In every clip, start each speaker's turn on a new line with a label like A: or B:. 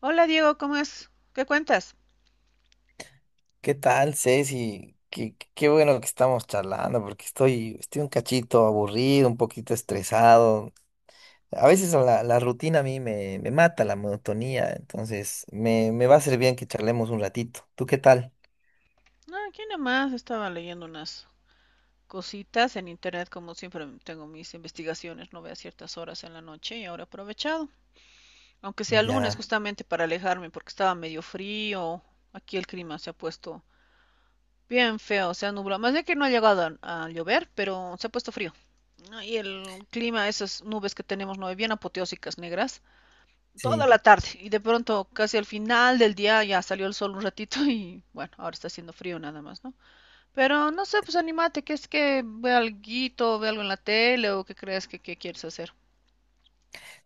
A: Hola Diego, ¿cómo es? ¿Qué cuentas?
B: ¿Qué tal, Ceci? Qué bueno que estamos charlando, porque estoy un cachito aburrido, un poquito estresado. A veces la rutina a mí me mata la monotonía, entonces me va a ser bien que charlemos un ratito. ¿Tú qué tal?
A: No, aquí nomás estaba leyendo unas cositas en internet, como siempre tengo mis investigaciones, no veo a ciertas horas en la noche y ahora he aprovechado, aunque sea lunes,
B: Ya,
A: claro, justamente para alejarme porque estaba medio frío. Aquí el clima se ha puesto bien feo, se ha nublado, más de que no ha llegado a llover, pero se ha puesto frío. Ah, y el clima, esas nubes que tenemos, no, bien apoteósicas negras, toda
B: sí.
A: la tarde, y de pronto casi al final del día ya salió el sol un ratito y, bueno, ahora está haciendo frío nada más, ¿no? Pero no sé, pues anímate, que es que ve alguito, ve algo en la tele o que creas que quieres hacer.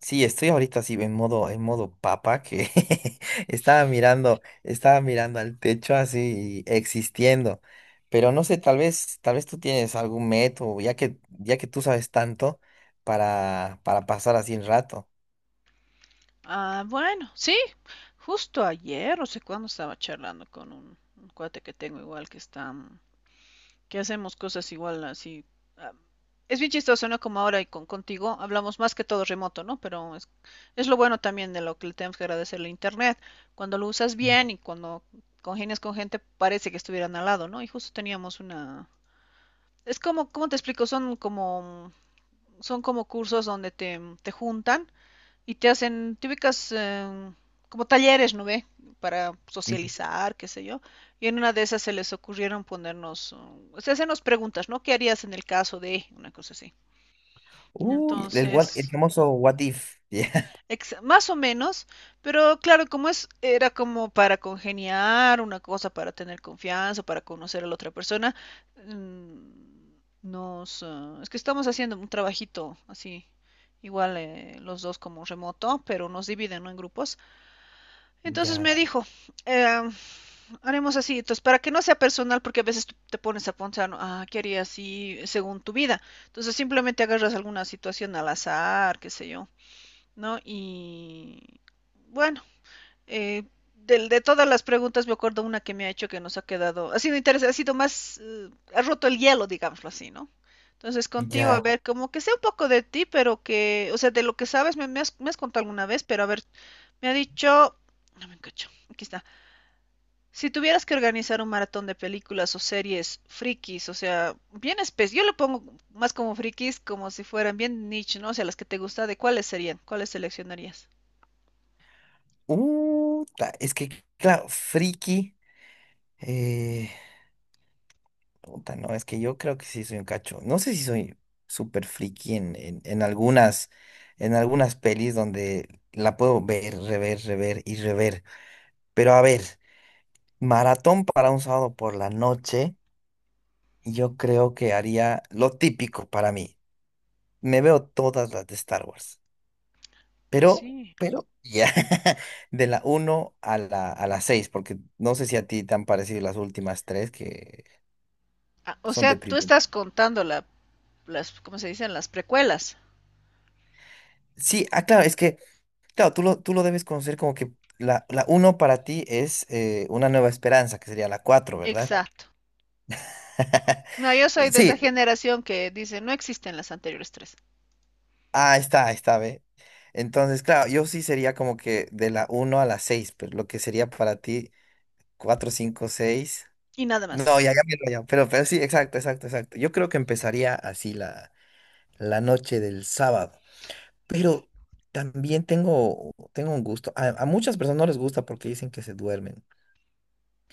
B: Sí, estoy ahorita así en modo papa que estaba mirando al techo así existiendo. Pero no sé, tal vez tú tienes algún método, ya que tú sabes tanto para pasar así el rato.
A: Ah, bueno, sí, justo ayer, no sé cuándo, estaba charlando con un cuate que tengo igual, que está que hacemos cosas igual así. ah, Es bien chistoso, ¿no? Como ahora y contigo hablamos más que todo remoto, ¿no? Pero es lo bueno también de lo que le tenemos que agradecer a internet. Cuando lo usas bien y cuando congenias con gente, parece que estuvieran al lado, ¿no? Y justo teníamos una. Es como, ¿cómo te explico? Son como cursos donde te juntan y te hacen típicas como talleres, ¿no ve? Para
B: Mm.
A: socializar, qué sé yo. Y en una de esas se les ocurrieron ponernos, o sea, hacernos preguntas, ¿no? ¿Qué harías en el caso de una cosa así?
B: Uy, el
A: Entonces,
B: famoso what if.
A: más o menos, pero claro, como es, era como para congeniar una cosa, para tener confianza, para conocer a la otra persona, mm, es que estamos haciendo un trabajito así, igual, los dos como remoto, pero nos dividen, ¿no? En grupos.
B: Ya,
A: Entonces
B: ya,
A: me dijo, eh, haremos así, entonces para que no sea personal, porque a veces tú te pones a pensar, ¿no? ¿Qué haría así según tu vida? Entonces simplemente agarras alguna situación al azar, qué sé yo, ¿no? Y bueno, eh, de todas las preguntas me acuerdo una que me ha hecho, que nos ha quedado, ha sido interesante, ha sido más, ha roto el hielo, digámoslo así, ¿no? Entonces contigo, a, wow,
B: ya.
A: ver, como que sé un poco de ti, pero que, o sea, de lo que sabes, me has contado alguna vez, pero a ver, me ha dicho, no me encacho, aquí está. Si tuvieras que organizar un maratón de películas o series frikis, o sea, bien especies, yo lo pongo más como frikis, como si fueran bien niche, ¿no? O sea, las que te gusta, ¿de cuáles serían? ¿Cuáles seleccionarías?
B: Es que, claro, friki. eh, Puta, no, es que yo creo que sí soy un cacho. No sé si soy súper friki en algunas pelis donde la puedo ver, rever, rever y rever. Pero a ver, maratón para un sábado por la noche, yo creo que haría lo típico para mí. Me veo todas las de Star Wars. Pero,
A: Así.
B: pero, ya, de la uno a la 6 porque no sé si a ti te han parecido las últimas tres que
A: Ah, o
B: son
A: sea, tú
B: deprimentes.
A: estás contando la, ¿cómo se dicen? Las precuelas.
B: Sí, ah, claro, es que claro, tú lo debes conocer como que la uno para ti es una nueva esperanza, que sería la 4, ¿verdad?
A: Exacto. No, yo soy de esa
B: Sí,
A: generación que dice, no existen las anteriores tres.
B: ah, está, ahí está, ve. Entonces, claro, yo sí sería como que de la uno a la 6, pero lo que sería para ti 4, 5, 6.
A: Y nada
B: No,
A: más.
B: ya, ya, ya, ya, pero sí, exacto, exacto, exacto. Yo creo que empezaría así la noche del sábado, pero también tengo un gusto. A muchas personas no les gusta porque dicen que se duermen.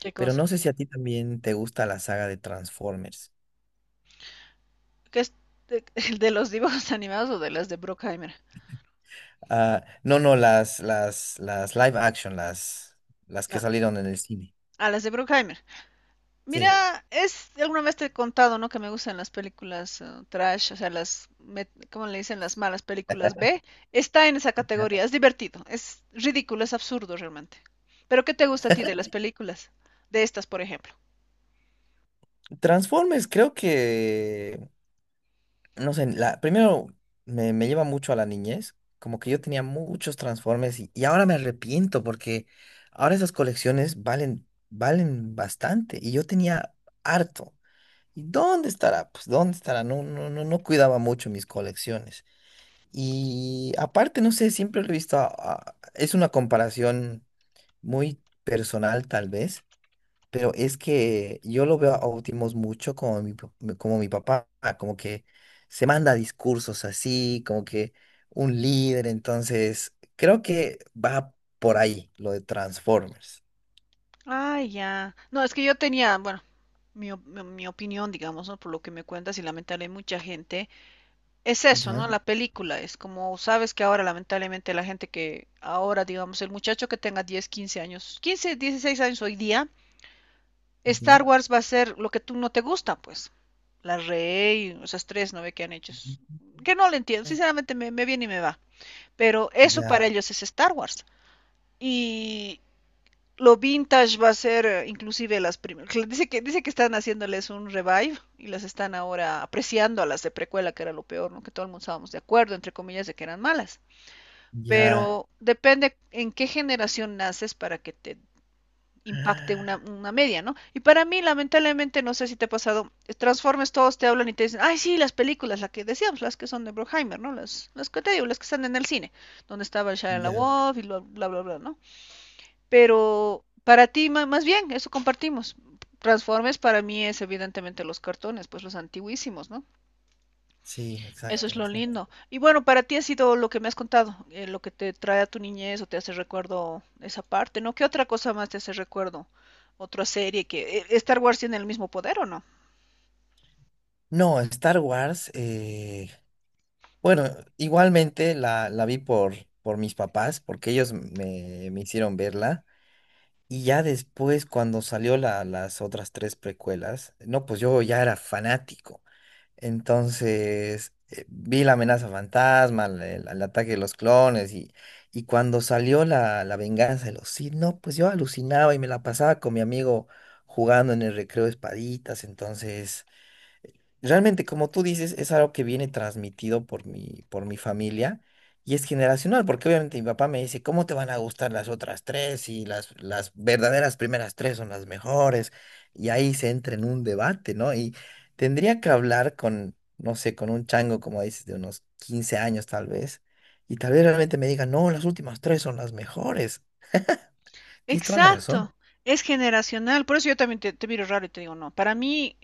A: ¿Qué
B: Pero
A: cosa?
B: no sé si a ti también te gusta la saga de Transformers.
A: ¿Qué es de, de los dibujos animados o de las de Bruckheimer?
B: Ah, no, no, las live action, las que
A: No,
B: salieron en el cine.
A: a las de Bruckheimer.
B: Sí.
A: Mira, es, alguna vez te he contado, ¿no? Que me gustan las películas, trash, o sea, ¿cómo le dicen? Las malas películas B. Está en esa
B: Ya.
A: categoría, es divertido, es ridículo, es absurdo realmente. Pero ¿qué te gusta a ti de las películas? De estas, por ejemplo.
B: Transformers, creo que, no sé, primero me lleva mucho a la niñez, como que yo tenía muchos Transformers y ahora me arrepiento porque ahora esas colecciones valen, valen bastante y yo tenía harto. ¿Y dónde estará? Pues dónde estará, no, no, no, no cuidaba mucho mis colecciones. Y aparte, no sé, siempre lo he visto, es una comparación muy personal tal vez, pero es que yo lo veo a Optimus mucho como mi papá, como que se manda discursos así, como que un líder, entonces creo que va por ahí lo de Transformers.
A: Ay, ya. No, es que yo tenía, bueno, mi opinión, digamos, ¿no? Por lo que me cuentas, y lamentablemente mucha gente, es eso, ¿no?
B: Ya,
A: La película es como, sabes que ahora lamentablemente la gente que ahora, digamos, el muchacho que tenga 10, 15 años, 15, 16 años hoy día,
B: ya,
A: Star Wars va a ser lo que tú no te gusta, pues. La Rey, esas tres, ¿no ve que han hecho?
B: ujú,
A: Que no lo entiendo, sinceramente, me viene y me va. Pero eso
B: ya,
A: para ellos es Star Wars. Y lo vintage va a ser, inclusive las primeras. Dice que están haciéndoles un revive y las están ahora apreciando, a las de precuela, que era lo peor, ¿no? Que todo el mundo estábamos de acuerdo, entre comillas, de que eran malas.
B: ya,
A: Pero depende en qué generación naces para que te impacte una,
B: ah,
A: una media, ¿no? Y para mí, lamentablemente, no sé si te ha pasado, Transformers todos te hablan y te dicen, ay, sí, las películas, las que decíamos, las que son de Bruckheimer, ¿no? Las que te digo, las que están en el cine, donde estaba el Shia
B: ya,
A: LaWoff y bla, bla, bla, bla, ¿no? Pero para ti, más bien, eso compartimos. Transformers para mí es evidentemente los cartones, pues los antiguísimos, ¿no?
B: sí,
A: Eso es
B: exacto,
A: lo
B: exacto.
A: lindo. Y bueno, para ti ha sido lo que me has contado, lo que te trae a tu niñez o te hace recuerdo esa parte, ¿no? ¿Qué otra cosa más te hace recuerdo? Otra serie, que Star Wars, ¿tiene el mismo poder o no?
B: No, Star Wars, bueno, igualmente la vi por mis papás, porque ellos me hicieron verla. Y ya después, cuando salió las otras tres precuelas, no, pues yo ya era fanático. Entonces, vi la amenaza fantasma, el ataque de los clones, y cuando salió la venganza de los Sith, no, pues yo alucinaba y me la pasaba con mi amigo jugando en el recreo de espaditas. Entonces. Realmente, como tú dices, es algo que viene transmitido por mi familia y es generacional, porque obviamente mi papá me dice, ¿cómo te van a gustar las otras tres? Y las verdaderas primeras tres son las mejores. Y ahí se entra en un debate, ¿no? Y tendría que hablar con, no sé, con un chango, como dices, de unos 15 años tal vez, y tal vez realmente me diga, no, las últimas tres son las mejores. Tienes toda la
A: Exacto,
B: razón.
A: es generacional. Por eso yo también te miro raro y te digo, no, para mí,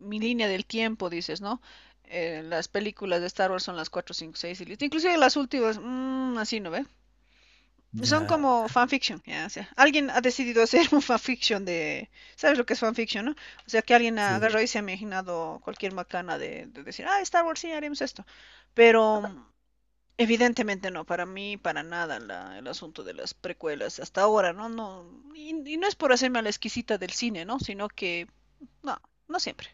A: mi línea del tiempo, dices, ¿no? Las películas de Star Wars son las 4, 5, 6 y listo. Inclusive las últimas, así, ¿no ve? Son
B: Ya,
A: como fanfiction, ya, o sea, alguien ha decidido hacer un fanfiction de, ¿sabes lo que es fanfiction, no? O sea, que alguien
B: sí.
A: agarró y se ha imaginado cualquier macana de decir, ah, Star Wars, sí, haremos esto. Pero, evidentemente no, para mí, para nada el asunto de las precuelas hasta ahora, ¿no? No y no es por hacerme a la exquisita del cine, ¿no? Sino que, no, no siempre.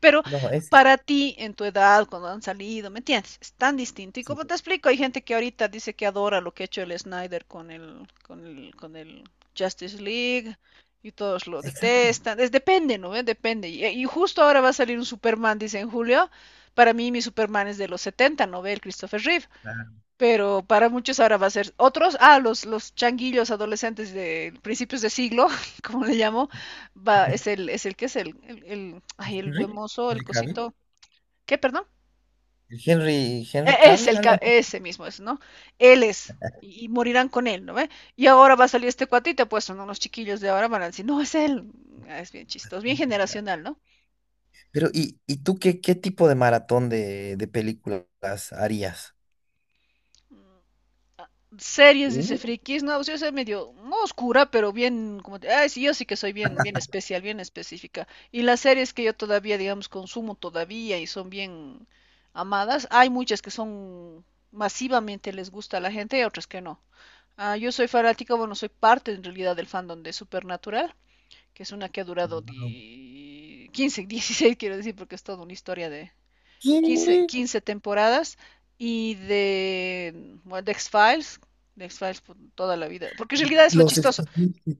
A: Pero
B: No, es,
A: para ti, en tu edad, cuando han salido, ¿me entiendes? Es tan distinto. Y
B: sí,
A: como te explico, hay gente que ahorita dice que adora lo que ha hecho el Snyder con el, con el Justice League, y todos lo
B: exacto.
A: detestan. Es, depende, ¿no? ¿Eh? Depende. Justo ahora va a salir un Superman, dice en julio. Para mí, mi Superman es de los 70, ¿no ve? El Christopher Reeve,
B: Ah,
A: pero para muchos ahora va a ser otros, los changuillos adolescentes de principios de siglo, como le llamo, es el, es el que es el, el buen
B: Henry,
A: mozo, el
B: el
A: cosito, ¿qué, perdón?
B: El Henry, Henry
A: Es
B: Cavill,
A: el,
B: algo.
A: ese mismo es, ¿no? Él es, y morirán con él, ¿no ve? Y ahora va a salir este cuatito, pues son unos chiquillos de ahora, van a decir, no, es él. Ah, es bien chistoso, bien
B: Así.
A: generacional, ¿no?
B: Pero, ¿y tú qué tipo de maratón de películas harías?
A: Series, dice
B: Uh,
A: frikis, no, pues yo soy medio no oscura, pero bien, como, ay, sí, yo sí que soy bien, bien especial, bien específica. Y las series que yo todavía, digamos, consumo todavía y son bien amadas, hay muchas que son masivamente, les gusta a la gente, y otras que no. Ah, yo soy fanática, bueno, soy parte en realidad del fandom de Supernatural, que es una que ha durado,
B: wow.
A: 15, 16, quiero decir, porque es toda una historia de,
B: ¿Qué?
A: 15 temporadas, y de, bueno, de X-Files por toda la vida. Porque en realidad es lo
B: Los
A: chistoso.
B: expedientes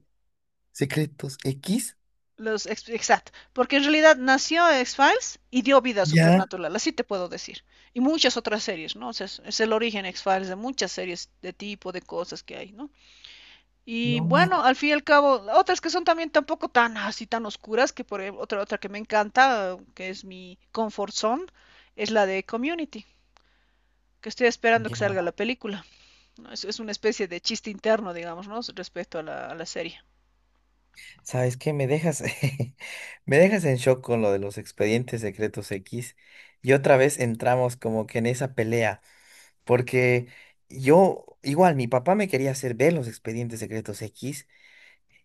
B: secretos X,
A: Exacto. Porque en realidad nació X-Files y dio vida a
B: ya,
A: Supernatural, así te puedo decir. Y muchas otras series, ¿no? O sea, es el origen X-Files de muchas series de tipo, de cosas que hay, ¿no? Y
B: no mata.
A: bueno, al fin y al cabo, otras que son también, tampoco tan así, tan oscuras, que por ejemplo, otra que me encanta, que es mi comfort zone, es la de Community, que estoy esperando que
B: Ya.
A: salga la película. No, es una especie de chiste interno, digamos, ¿no? Respecto a la serie.
B: ¿Sabes qué? Me dejas, me dejas en shock con lo de los expedientes secretos X. Y otra vez entramos como que en esa pelea, porque yo, igual, mi papá me quería hacer ver los expedientes secretos X.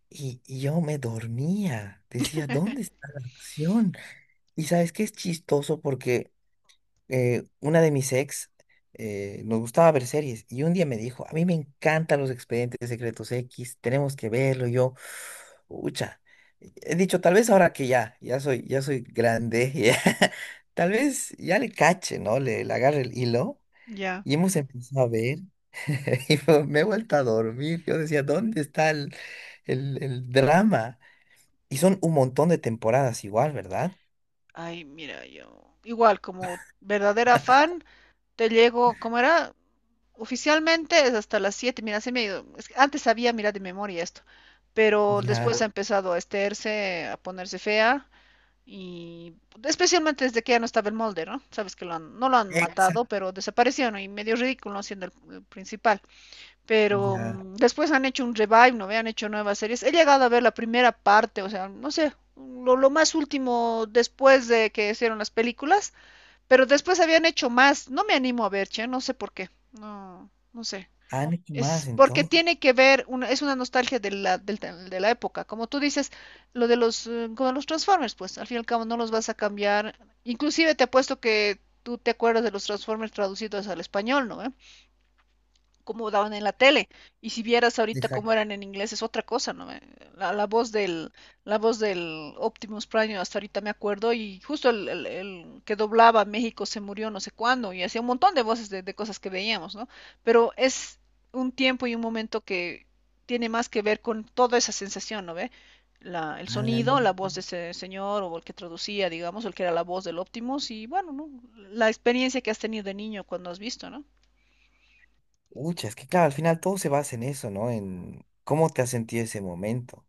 B: Y yo me dormía, decía, ¿dónde está la acción? Y sabes qué es chistoso porque una de mis ex nos gustaba ver series y un día me dijo, a mí me encantan los expedientes secretos X, tenemos que verlo. Y yo, ucha, he dicho, tal vez ahora que ya soy grande, ya, tal vez ya le cache, ¿no? Le agarre el hilo
A: Ya.
B: y hemos empezado a ver. Y me he vuelto a dormir. Yo decía, ¿dónde está el drama? Y son un montón de temporadas igual, ¿verdad?
A: Ay, mira, yo. Igual, como verdadera fan, te llego, ¿cómo era? Oficialmente es hasta las siete, mira, se me ha ido. Es que antes sabía, mira, de memoria esto. Pero después
B: Ya,
A: ha empezado a esterse, a ponerse fea. Y especialmente desde que ya no estaba el molde, ¿no? Sabes que no lo han
B: exacto,
A: matado, pero desaparecieron, y medio ridículo siendo el principal. Pero,
B: ya.
A: después han hecho un revive, ¿no ve? Han hecho nuevas series. He llegado a ver la primera parte, o sea, no sé, lo más último después de que hicieron las películas, pero después habían hecho más. No me animo a ver, che, no sé por qué. No, no sé.
B: Ah, ¿no? ¿Qué más
A: Es porque
B: entonces?
A: tiene que ver, es una nostalgia de la, de la época. Como tú dices, lo de como los Transformers, pues al fin y al cabo no los vas a cambiar. Inclusive te apuesto que tú te acuerdas de los Transformers traducidos al español, ¿no ve? Cómo daban en la tele. Y si vieras ahorita cómo
B: Exacto.
A: eran en inglés, es otra cosa, ¿no? La, la voz del la voz del Optimus Prime hasta ahorita me acuerdo, y justo el que doblaba México se murió no sé cuándo, y hacía un montón de voces de cosas que veíamos, ¿no? Pero es un tiempo y un momento que tiene más que ver con toda esa sensación, ¿no ve? El
B: Ah,
A: sonido, la voz de ese señor, o el que traducía, digamos, el que era la voz del Optimus, y bueno, ¿no? La experiencia que has tenido de niño cuando has visto, ¿no?
B: ucha, es que claro, al final todo se basa en eso, ¿no? En cómo te has sentido ese momento.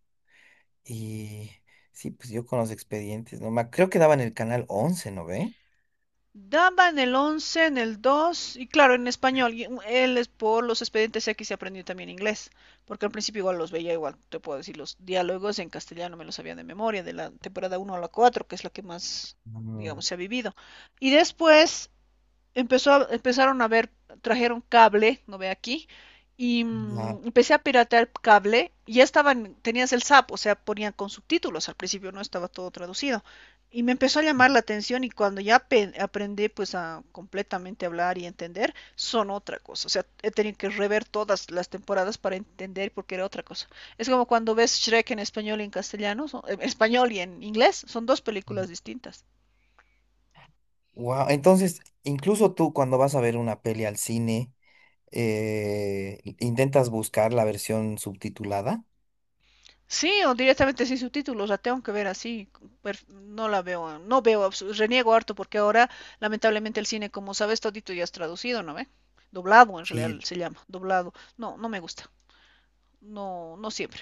B: Y sí, pues yo con los expedientes, ¿no? Creo que daban el canal 11, ¿no ve?
A: Daba en el 11, en el 2, y claro, en español. Él es por los expedientes X se aprendió también inglés, porque al principio igual los veía, igual te puedo decir, los diálogos en castellano me los sabía de memoria, de la temporada 1 a la 4, que es la que más,
B: Mm,
A: digamos, se ha vivido. Y después empezó, empezaron a ver, trajeron cable, no ve aquí, y,
B: ya.
A: empecé a piratear cable, y ya estaban, tenías el SAP, o sea, ponían con subtítulos, al principio no estaba todo traducido, y me empezó a llamar la atención, y cuando ya aprendí pues a completamente hablar y entender, son otra cosa, o sea, he tenido que rever todas las temporadas para entender, porque era otra cosa. Es como cuando ves Shrek en español y en castellano, en español y en inglés, son dos películas distintas.
B: Wow, entonces, incluso tú cuando vas a ver una peli al cine, intentas buscar la versión subtitulada.
A: Sí, o directamente sin subtítulos, la tengo que ver así, no la veo, no veo, reniego harto porque ahora lamentablemente el cine, como sabes, todito ya es traducido, ¿no ve? Doblado en realidad
B: Sí,
A: se llama, doblado. No, no me gusta, no, no siempre,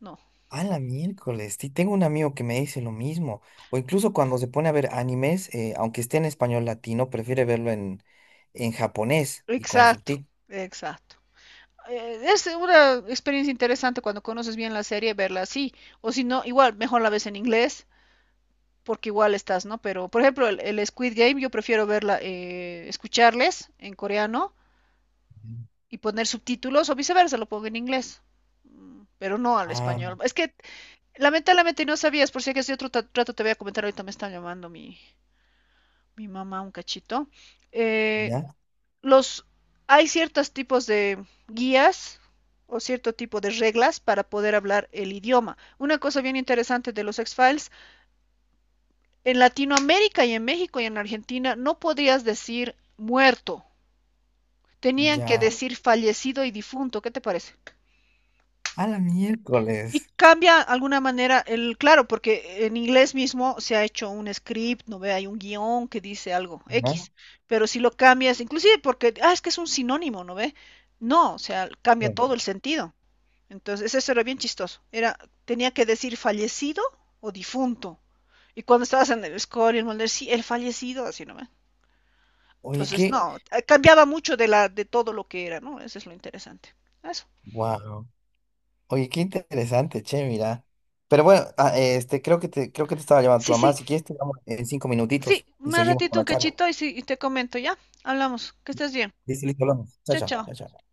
A: no.
B: a la miércoles, sí, tengo un amigo que me dice lo mismo. O incluso cuando se pone a ver animes, aunque esté en español latino, prefiere verlo en japonés y con
A: Exacto,
B: subtítulos.
A: exacto. Es una experiencia interesante cuando conoces bien la serie, verla así, o si no, igual, mejor la ves en inglés, porque igual estás, ¿no? Pero, por ejemplo, el Squid Game, yo prefiero verla, escucharles en coreano y poner subtítulos, o viceversa, lo pongo en inglés, pero no al
B: Ah,
A: español. Es que lamentablemente no sabías, por si acaso yo otro rato te voy a comentar, ahorita me está llamando mi mamá un cachito. Eh,
B: ya,
A: los, hay ciertos tipos de guías o cierto tipo de reglas para poder hablar el idioma. Una cosa bien interesante de los X-Files, en Latinoamérica y en México y en Argentina no podrías decir muerto, tenían que
B: ya.
A: decir fallecido y difunto, ¿qué te parece?
B: A la
A: Y
B: miércoles.
A: cambia de alguna manera el, claro, porque en inglés mismo se ha hecho un script, no ve, hay un guión que dice algo
B: ¿No?
A: X, pero si lo cambias, inclusive porque, es que es un sinónimo, no ve, no, o sea, cambia
B: Bueno,
A: todo el sentido. Entonces, eso era bien chistoso. Tenía que decir fallecido o difunto. Y cuando estabas en el score y el molde, sí, el fallecido, así no ve.
B: oye,
A: Entonces,
B: qué.
A: no, cambiaba mucho de todo lo que era, ¿no? Eso es lo interesante. Eso.
B: Wow. Oye, qué interesante, che, mira. Pero bueno, creo que te estaba llamando tu
A: Sí,
B: mamá.
A: sí,
B: Si quieres, te llamo en 5
A: sí,
B: minutitos y
A: más
B: seguimos con
A: ratito un
B: la charla.
A: cachito, y sí, y te comento, ¿ya? Hablamos. Que estés bien.
B: Listo, listo, hablamos. Chao,
A: Chao,
B: chao,
A: chao.
B: chao, chao.